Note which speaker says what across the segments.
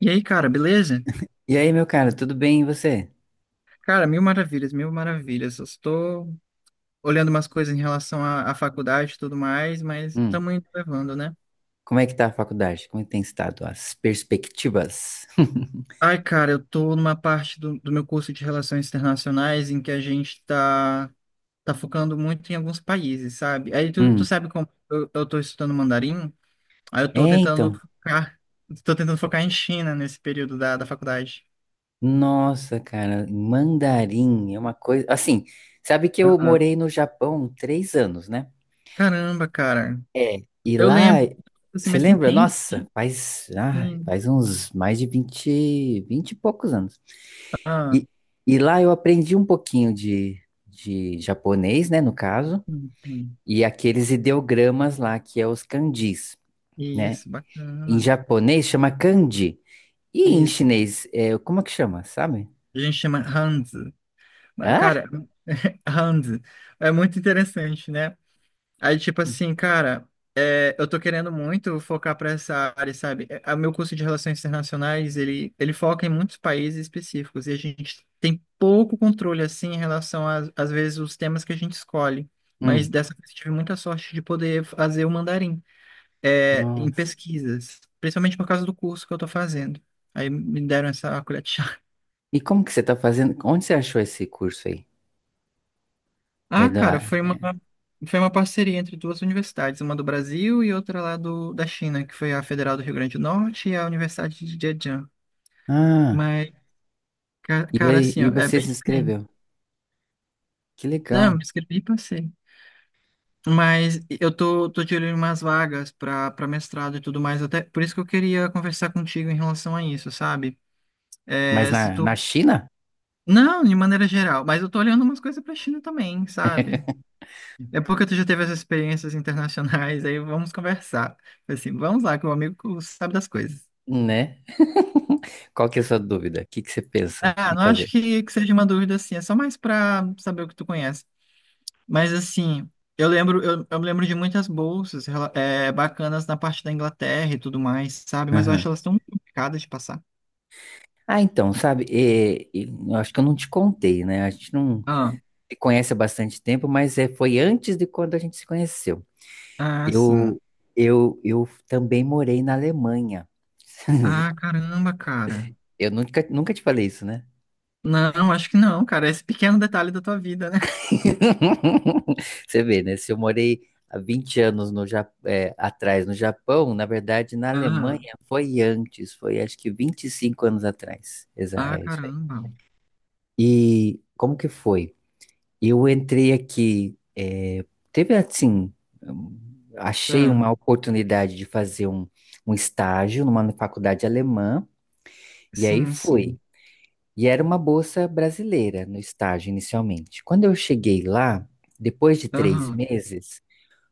Speaker 1: E aí, cara, beleza?
Speaker 2: E aí, meu cara, tudo bem e você?
Speaker 1: Cara, mil maravilhas, mil maravilhas. Eu estou olhando umas coisas em relação à faculdade e tudo mais, mas
Speaker 2: Hum,
Speaker 1: estamos indo levando, né?
Speaker 2: como é que tá a faculdade? Como é que tem estado as perspectivas?
Speaker 1: Ai, cara, eu tô numa parte do meu curso de Relações Internacionais em que a gente tá focando muito em alguns países, sabe? Aí tu
Speaker 2: Hum.
Speaker 1: sabe como eu tô estudando mandarim, aí eu
Speaker 2: É
Speaker 1: tô tentando
Speaker 2: então,
Speaker 1: focar em China nesse período da faculdade.
Speaker 2: nossa, cara, mandarim é uma coisa, assim, sabe que eu
Speaker 1: Ah,
Speaker 2: morei no Japão 3 anos, né?
Speaker 1: caramba, cara.
Speaker 2: É, e
Speaker 1: Eu
Speaker 2: lá,
Speaker 1: lembro, assim,
Speaker 2: você
Speaker 1: mas tem
Speaker 2: lembra?
Speaker 1: tempo.
Speaker 2: Nossa, faz, ah,
Speaker 1: Hum,
Speaker 2: faz uns mais de 20, 20 e poucos anos.
Speaker 1: ah,
Speaker 2: E, e lá eu aprendi um pouquinho de japonês, né, no caso.
Speaker 1: hum.
Speaker 2: E aqueles ideogramas lá, que é os kanjis, né?
Speaker 1: Isso,
Speaker 2: Em
Speaker 1: bacana.
Speaker 2: japonês chama kanji. E em
Speaker 1: Isso.
Speaker 2: chinês, como é que chama, sabe?
Speaker 1: A gente chama Hans. Mas,
Speaker 2: Ah?
Speaker 1: cara, Hans, é muito interessante, né? Aí, tipo assim, cara, eu tô querendo muito focar pra essa área, sabe? É, o meu curso de Relações Internacionais, ele foca em muitos países específicos e a gente tem pouco controle, assim, em relação às vezes, os temas que a gente escolhe. Mas
Speaker 2: Hum,
Speaker 1: dessa vez eu tive muita sorte de poder fazer o mandarim. É em
Speaker 2: nossa.
Speaker 1: pesquisas, principalmente por causa do curso que eu estou fazendo. Aí me deram essa colher de chá.
Speaker 2: E como que você tá fazendo? Onde você achou esse curso aí? É
Speaker 1: Ah, cara,
Speaker 2: da...
Speaker 1: foi uma parceria entre duas universidades, uma do Brasil e outra lá do, da China, que foi a Federal do Rio Grande do Norte e a Universidade de Zhejiang.
Speaker 2: Ah,
Speaker 1: Mas,
Speaker 2: e,
Speaker 1: cara,
Speaker 2: vai-
Speaker 1: assim, ó,
Speaker 2: e
Speaker 1: é
Speaker 2: você
Speaker 1: bem
Speaker 2: se
Speaker 1: diferente.
Speaker 2: inscreveu. Que
Speaker 1: Não,
Speaker 2: legal.
Speaker 1: me inscrevi e passei. Mas eu tô de olho em umas vagas para mestrado e tudo mais, até por isso que eu queria conversar contigo em relação a isso, sabe?
Speaker 2: Mas
Speaker 1: É, se
Speaker 2: na,
Speaker 1: tu
Speaker 2: na China?
Speaker 1: Não, de maneira geral, mas eu tô olhando umas coisas pra China também, sabe? É porque tu já teve essas experiências internacionais, aí vamos conversar. Assim, vamos lá, que o amigo sabe das coisas.
Speaker 2: Né? Qual que é a sua dúvida? O que que você pensa
Speaker 1: Ah,
Speaker 2: em
Speaker 1: não acho
Speaker 2: fazer?
Speaker 1: que seja uma dúvida assim, é só mais pra saber o que tu conhece. Mas assim, eu me lembro de muitas bolsas bacanas na parte da Inglaterra e tudo mais, sabe? Mas eu
Speaker 2: Aham.
Speaker 1: acho elas tão complicadas de passar.
Speaker 2: Ah, então, sabe, eu acho que eu não te contei, né? A gente não,
Speaker 1: Ah,
Speaker 2: se conhece há bastante tempo, mas foi antes de quando a gente se conheceu.
Speaker 1: ah, sim.
Speaker 2: Eu, eu também morei na Alemanha.
Speaker 1: Ah, caramba, cara.
Speaker 2: Eu nunca, nunca te falei isso, né?
Speaker 1: Não, acho que não, cara. Esse pequeno detalhe da tua vida, né?
Speaker 2: Você vê, né? Se eu morei há 20 anos atrás no Japão, na verdade, na Alemanha foi antes, foi acho que 25 anos atrás.
Speaker 1: Ah,
Speaker 2: É isso aí.
Speaker 1: caramba.
Speaker 2: E como que foi? Eu entrei aqui, teve assim, hum,
Speaker 1: É,
Speaker 2: achei uma oportunidade de fazer um estágio numa faculdade alemã, e aí
Speaker 1: sim,
Speaker 2: fui.
Speaker 1: sim.
Speaker 2: E era uma bolsa brasileira no estágio inicialmente. Quando eu cheguei lá, depois de três
Speaker 1: Aham.
Speaker 2: meses,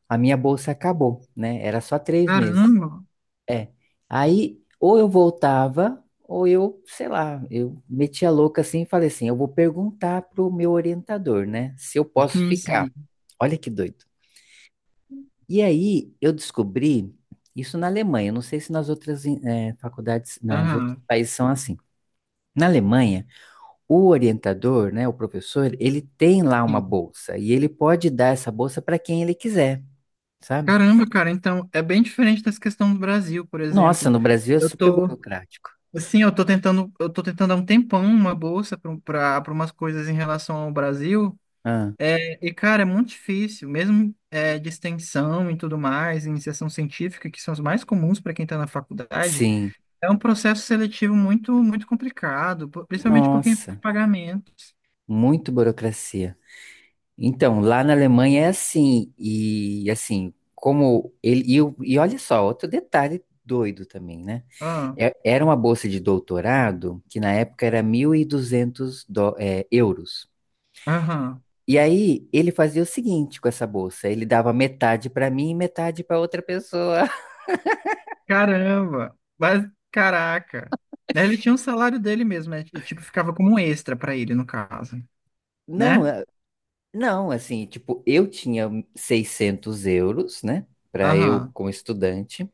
Speaker 2: a minha bolsa acabou, né? Era só 3 meses.
Speaker 1: Caramba.
Speaker 2: É. Aí, ou eu voltava, ou eu, sei lá, eu metia louca assim e falei assim: eu vou perguntar pro meu orientador, né, se eu posso
Speaker 1: Sim,
Speaker 2: ficar.
Speaker 1: sim.
Speaker 2: Olha que doido. E aí, eu descobri isso na Alemanha. Eu não sei se nas outras faculdades, nas outros
Speaker 1: Aham.
Speaker 2: países são assim. Na Alemanha, o orientador, né, o professor, ele tem lá uma
Speaker 1: Sim.
Speaker 2: bolsa e ele pode dar essa bolsa para quem ele quiser, sabe?
Speaker 1: Caramba, cara, então é bem diferente dessa questão do Brasil, por
Speaker 2: Nossa,
Speaker 1: exemplo.
Speaker 2: no Brasil é
Speaker 1: Eu
Speaker 2: super
Speaker 1: tô,
Speaker 2: burocrático.
Speaker 1: assim, eu tô tentando há um tempão uma bolsa para umas coisas em relação ao Brasil.
Speaker 2: Ah,
Speaker 1: Cara, é muito difícil, mesmo de extensão e tudo mais, iniciação científica, que são os mais comuns para quem está na faculdade,
Speaker 2: sim.
Speaker 1: é um processo seletivo muito, muito complicado, principalmente por quem tem
Speaker 2: Nossa.
Speaker 1: pagamentos.
Speaker 2: Muito burocracia. Então, lá na Alemanha é assim, e assim, como ele. E olha só, outro detalhe doido também, né?
Speaker 1: Ah,
Speaker 2: Era uma bolsa de doutorado, que na época era 1.200 euros.
Speaker 1: aham.
Speaker 2: E aí ele fazia o seguinte com essa bolsa: ele dava metade para mim e metade para outra pessoa.
Speaker 1: Caramba. Mas, caraca. Né, ele tinha um salário dele mesmo, né? E, tipo, ficava como um extra pra ele, no caso,
Speaker 2: Não,
Speaker 1: né?
Speaker 2: não, assim, tipo, eu tinha €600, né, para eu
Speaker 1: Aham.
Speaker 2: como estudante.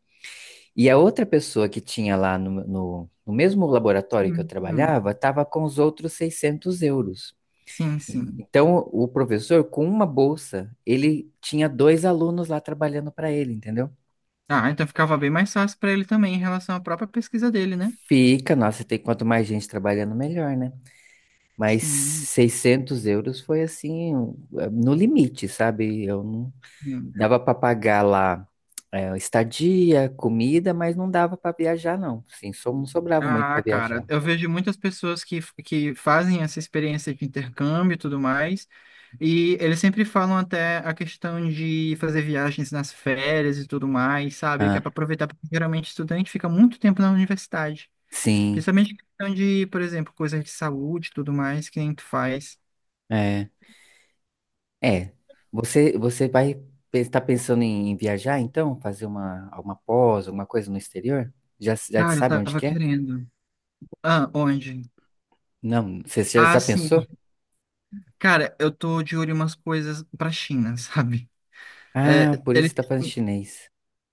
Speaker 2: E a outra pessoa que tinha lá no mesmo laboratório que eu
Speaker 1: Sim, sim.
Speaker 2: trabalhava estava com os outros €600.
Speaker 1: Sim, sim.
Speaker 2: Então, o professor, com uma bolsa, ele tinha dois alunos lá trabalhando para ele, entendeu?
Speaker 1: Ah, então ficava bem mais fácil pra ele também em relação à própria pesquisa dele, né?
Speaker 2: Fica, nossa, tem quanto mais gente trabalhando, melhor, né? Mas
Speaker 1: Sim.
Speaker 2: €600 foi assim, um, no limite, sabe? Eu não
Speaker 1: Sim.
Speaker 2: dava para pagar lá estadia, comida, mas não dava para viajar, não. Sim, só não sobrava muito
Speaker 1: Ah,
Speaker 2: para
Speaker 1: cara,
Speaker 2: viajar.
Speaker 1: eu vejo muitas pessoas que fazem essa experiência de intercâmbio e tudo mais. E eles sempre falam até a questão de fazer viagens nas férias e tudo mais, sabe? Que é
Speaker 2: Ah,
Speaker 1: para aproveitar, porque geralmente estudante fica muito tempo na universidade.
Speaker 2: sim.
Speaker 1: Principalmente questão de, por exemplo, coisas de saúde e tudo mais, que nem tu faz.
Speaker 2: É. É, você vai estar pensando em viajar então, fazer uma alguma pós, alguma coisa no exterior? Já já
Speaker 1: Cara, eu
Speaker 2: sabe onde
Speaker 1: tava
Speaker 2: que é?
Speaker 1: querendo. Ah, onde?
Speaker 2: Não, você já,
Speaker 1: Ah,
Speaker 2: já
Speaker 1: sim.
Speaker 2: pensou?
Speaker 1: Cara, eu tô de olho em umas coisas pra China, sabe? É,
Speaker 2: Ah, por isso
Speaker 1: ele...
Speaker 2: está fazendo chinês.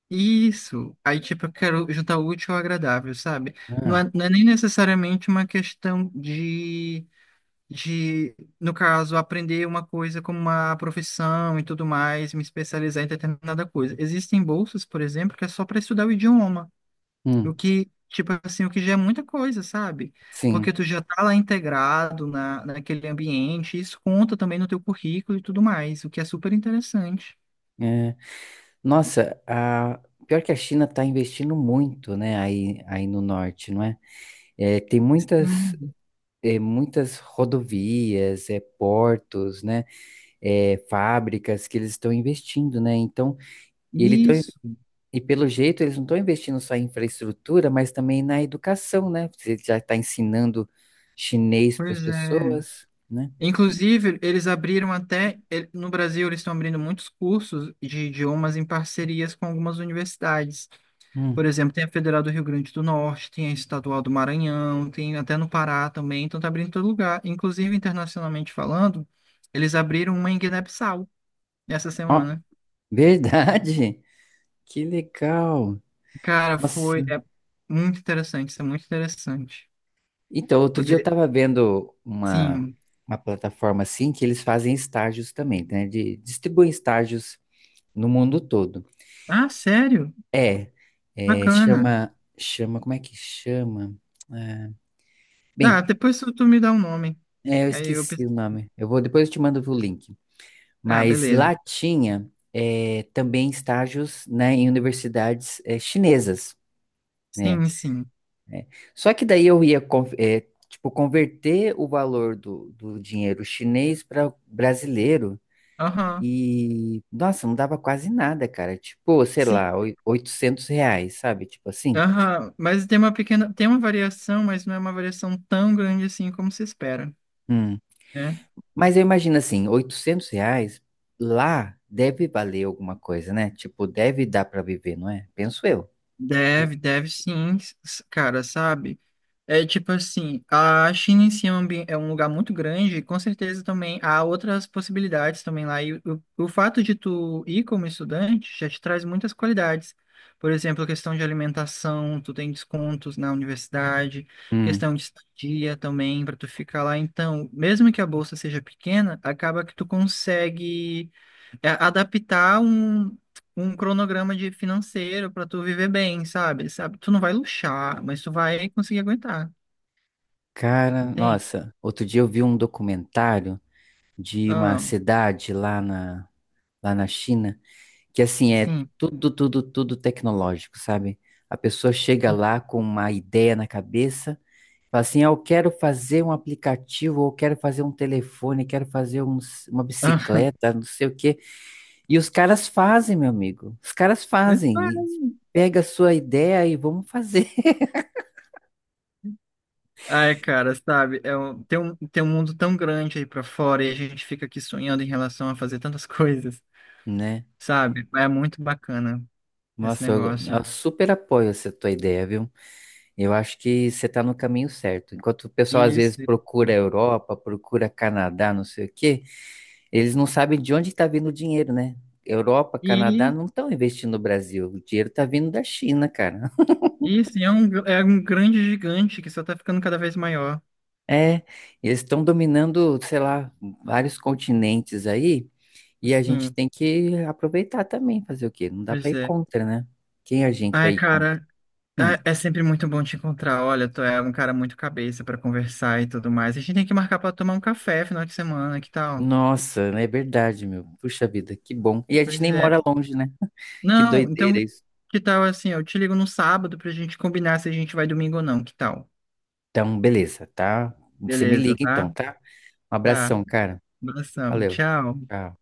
Speaker 1: Isso. Aí, tipo, eu quero juntar o útil ao agradável, sabe? Não
Speaker 2: Ah,
Speaker 1: é, não é nem necessariamente uma questão de de, no caso, aprender uma coisa como uma profissão e tudo mais, me especializar em determinada coisa. Existem bolsas, por exemplo, que é só para estudar o idioma, o
Speaker 2: hum,
Speaker 1: que, tipo assim, o que já é muita coisa, sabe?
Speaker 2: sim.
Speaker 1: Porque tu já tá lá integrado naquele ambiente, isso conta também no teu currículo e tudo mais, o que é super interessante.
Speaker 2: É, nossa, pior que a China está investindo muito, né? Aí no norte, não é? É, tem muitas
Speaker 1: Hum.
Speaker 2: é, muitas rodovias, portos, né? É, fábricas que eles estão investindo, né? Então ele tá.
Speaker 1: Isso,
Speaker 2: E pelo jeito, eles não estão investindo só em infraestrutura, mas também na educação, né? Você já está ensinando chinês para as
Speaker 1: pois é.
Speaker 2: pessoas, né?
Speaker 1: Inclusive, eles abriram até, no Brasil, eles estão abrindo muitos cursos de idiomas em parcerias com algumas universidades. Por
Speaker 2: Hum.
Speaker 1: exemplo, tem a Federal do Rio Grande do Norte, tem a Estadual do Maranhão, tem até no Pará também, então tá abrindo em todo lugar. Inclusive, internacionalmente falando, eles abriram uma em Guiné-Bissau essa
Speaker 2: Ó,
Speaker 1: semana.
Speaker 2: verdade! Que legal!
Speaker 1: Cara,
Speaker 2: Nossa!
Speaker 1: foi é muito interessante, isso é muito interessante.
Speaker 2: Então, outro dia eu
Speaker 1: Poder,
Speaker 2: estava vendo uma,
Speaker 1: sim.
Speaker 2: uma plataforma assim que eles fazem estágios também, né? Distribuem estágios no mundo todo.
Speaker 1: Ah, sério?
Speaker 2: É,
Speaker 1: Bacana.
Speaker 2: Como é que chama? É, Bem,
Speaker 1: Tá, depois tu me dá o nome.
Speaker 2: eu
Speaker 1: Aí eu
Speaker 2: esqueci
Speaker 1: penso,
Speaker 2: o nome. Eu vou, depois eu te mando o link.
Speaker 1: ah,
Speaker 2: Mas
Speaker 1: beleza.
Speaker 2: lá tinha também estágios, né, em universidades chinesas, né?
Speaker 1: Sim, sim.
Speaker 2: Só que daí eu ia tipo converter o valor do dinheiro chinês para brasileiro
Speaker 1: Aham.
Speaker 2: e nossa, não dava quase nada, cara. Tipo, sei
Speaker 1: Sim.
Speaker 2: lá, R$ 800, sabe? Tipo assim.
Speaker 1: Aham, mas tem uma variação, mas não é uma variação tão grande assim como se espera.
Speaker 2: Hum.
Speaker 1: Né?
Speaker 2: Mas eu imagino assim, R$ 800 lá deve valer alguma coisa, né? Tipo, deve dar para viver, não é? Penso eu. Que-
Speaker 1: Deve, deve sim, cara, sabe? É tipo assim, a China em si é um é um lugar muito grande, e com certeza também há outras possibilidades também lá. E o fato de tu ir como estudante já te traz muitas qualidades. Por exemplo, questão de alimentação, tu tem descontos na universidade,
Speaker 2: hum.
Speaker 1: questão de estadia também para tu ficar lá. Então, mesmo que a bolsa seja pequena, acaba que tu consegue adaptar um cronograma de financeiro para tu viver bem, sabe? Sabe? Tu não vai luxar, mas tu vai conseguir aguentar,
Speaker 2: Cara,
Speaker 1: entende?
Speaker 2: nossa, outro dia eu vi um documentário de uma
Speaker 1: Ah,
Speaker 2: cidade lá na China, que assim é
Speaker 1: sim.
Speaker 2: tudo, tudo, tudo tecnológico, sabe? A pessoa chega lá com uma ideia na cabeça, fala assim, ah, eu quero fazer um aplicativo, ou quero fazer um telefone, quero fazer uma
Speaker 1: Ah,
Speaker 2: bicicleta, não sei o quê. E os caras fazem, meu amigo. Os caras fazem. E pega a sua ideia e vamos fazer,
Speaker 1: Ai, cara, sabe? Tem um mundo tão grande aí pra fora e a gente fica aqui sonhando em relação a fazer tantas coisas,
Speaker 2: né?
Speaker 1: sabe? É muito bacana esse
Speaker 2: Nossa, eu,
Speaker 1: negócio.
Speaker 2: eu super apoio essa tua ideia, viu? Eu acho que você está no caminho certo. Enquanto o pessoal às
Speaker 1: Isso,
Speaker 2: vezes procura
Speaker 1: isso.
Speaker 2: Europa, procura Canadá, não sei o quê, eles não sabem de onde está vindo o dinheiro, né? Europa, Canadá
Speaker 1: E
Speaker 2: não estão investindo no Brasil. O dinheiro está vindo da China, cara.
Speaker 1: isso, e é um grande gigante que só tá ficando cada vez maior.
Speaker 2: É, eles estão dominando, sei lá, vários continentes aí, e a gente
Speaker 1: Sim,
Speaker 2: tem que aproveitar também, fazer o quê? Não dá para
Speaker 1: pois
Speaker 2: ir
Speaker 1: é.
Speaker 2: contra, né? Quem a gente vai
Speaker 1: Ai,
Speaker 2: ir contra?
Speaker 1: cara.
Speaker 2: Hum.
Speaker 1: É sempre muito bom te encontrar. Olha, tu é um cara muito cabeça pra conversar e tudo mais. A gente tem que marcar pra tomar um café final de semana, que tal?
Speaker 2: Nossa, é verdade, meu. Puxa vida, que bom. E a gente
Speaker 1: Pois
Speaker 2: nem
Speaker 1: é.
Speaker 2: mora longe, né? Que
Speaker 1: Não, então,
Speaker 2: doideira isso.
Speaker 1: que tal assim? Eu te ligo no sábado pra gente combinar se a gente vai domingo ou não, que tal?
Speaker 2: Então, beleza, tá? Você me
Speaker 1: Beleza,
Speaker 2: liga então,
Speaker 1: tá?
Speaker 2: tá? Um
Speaker 1: Tá.
Speaker 2: abração, cara.
Speaker 1: Abração.
Speaker 2: Valeu.
Speaker 1: Tchau.
Speaker 2: Tchau.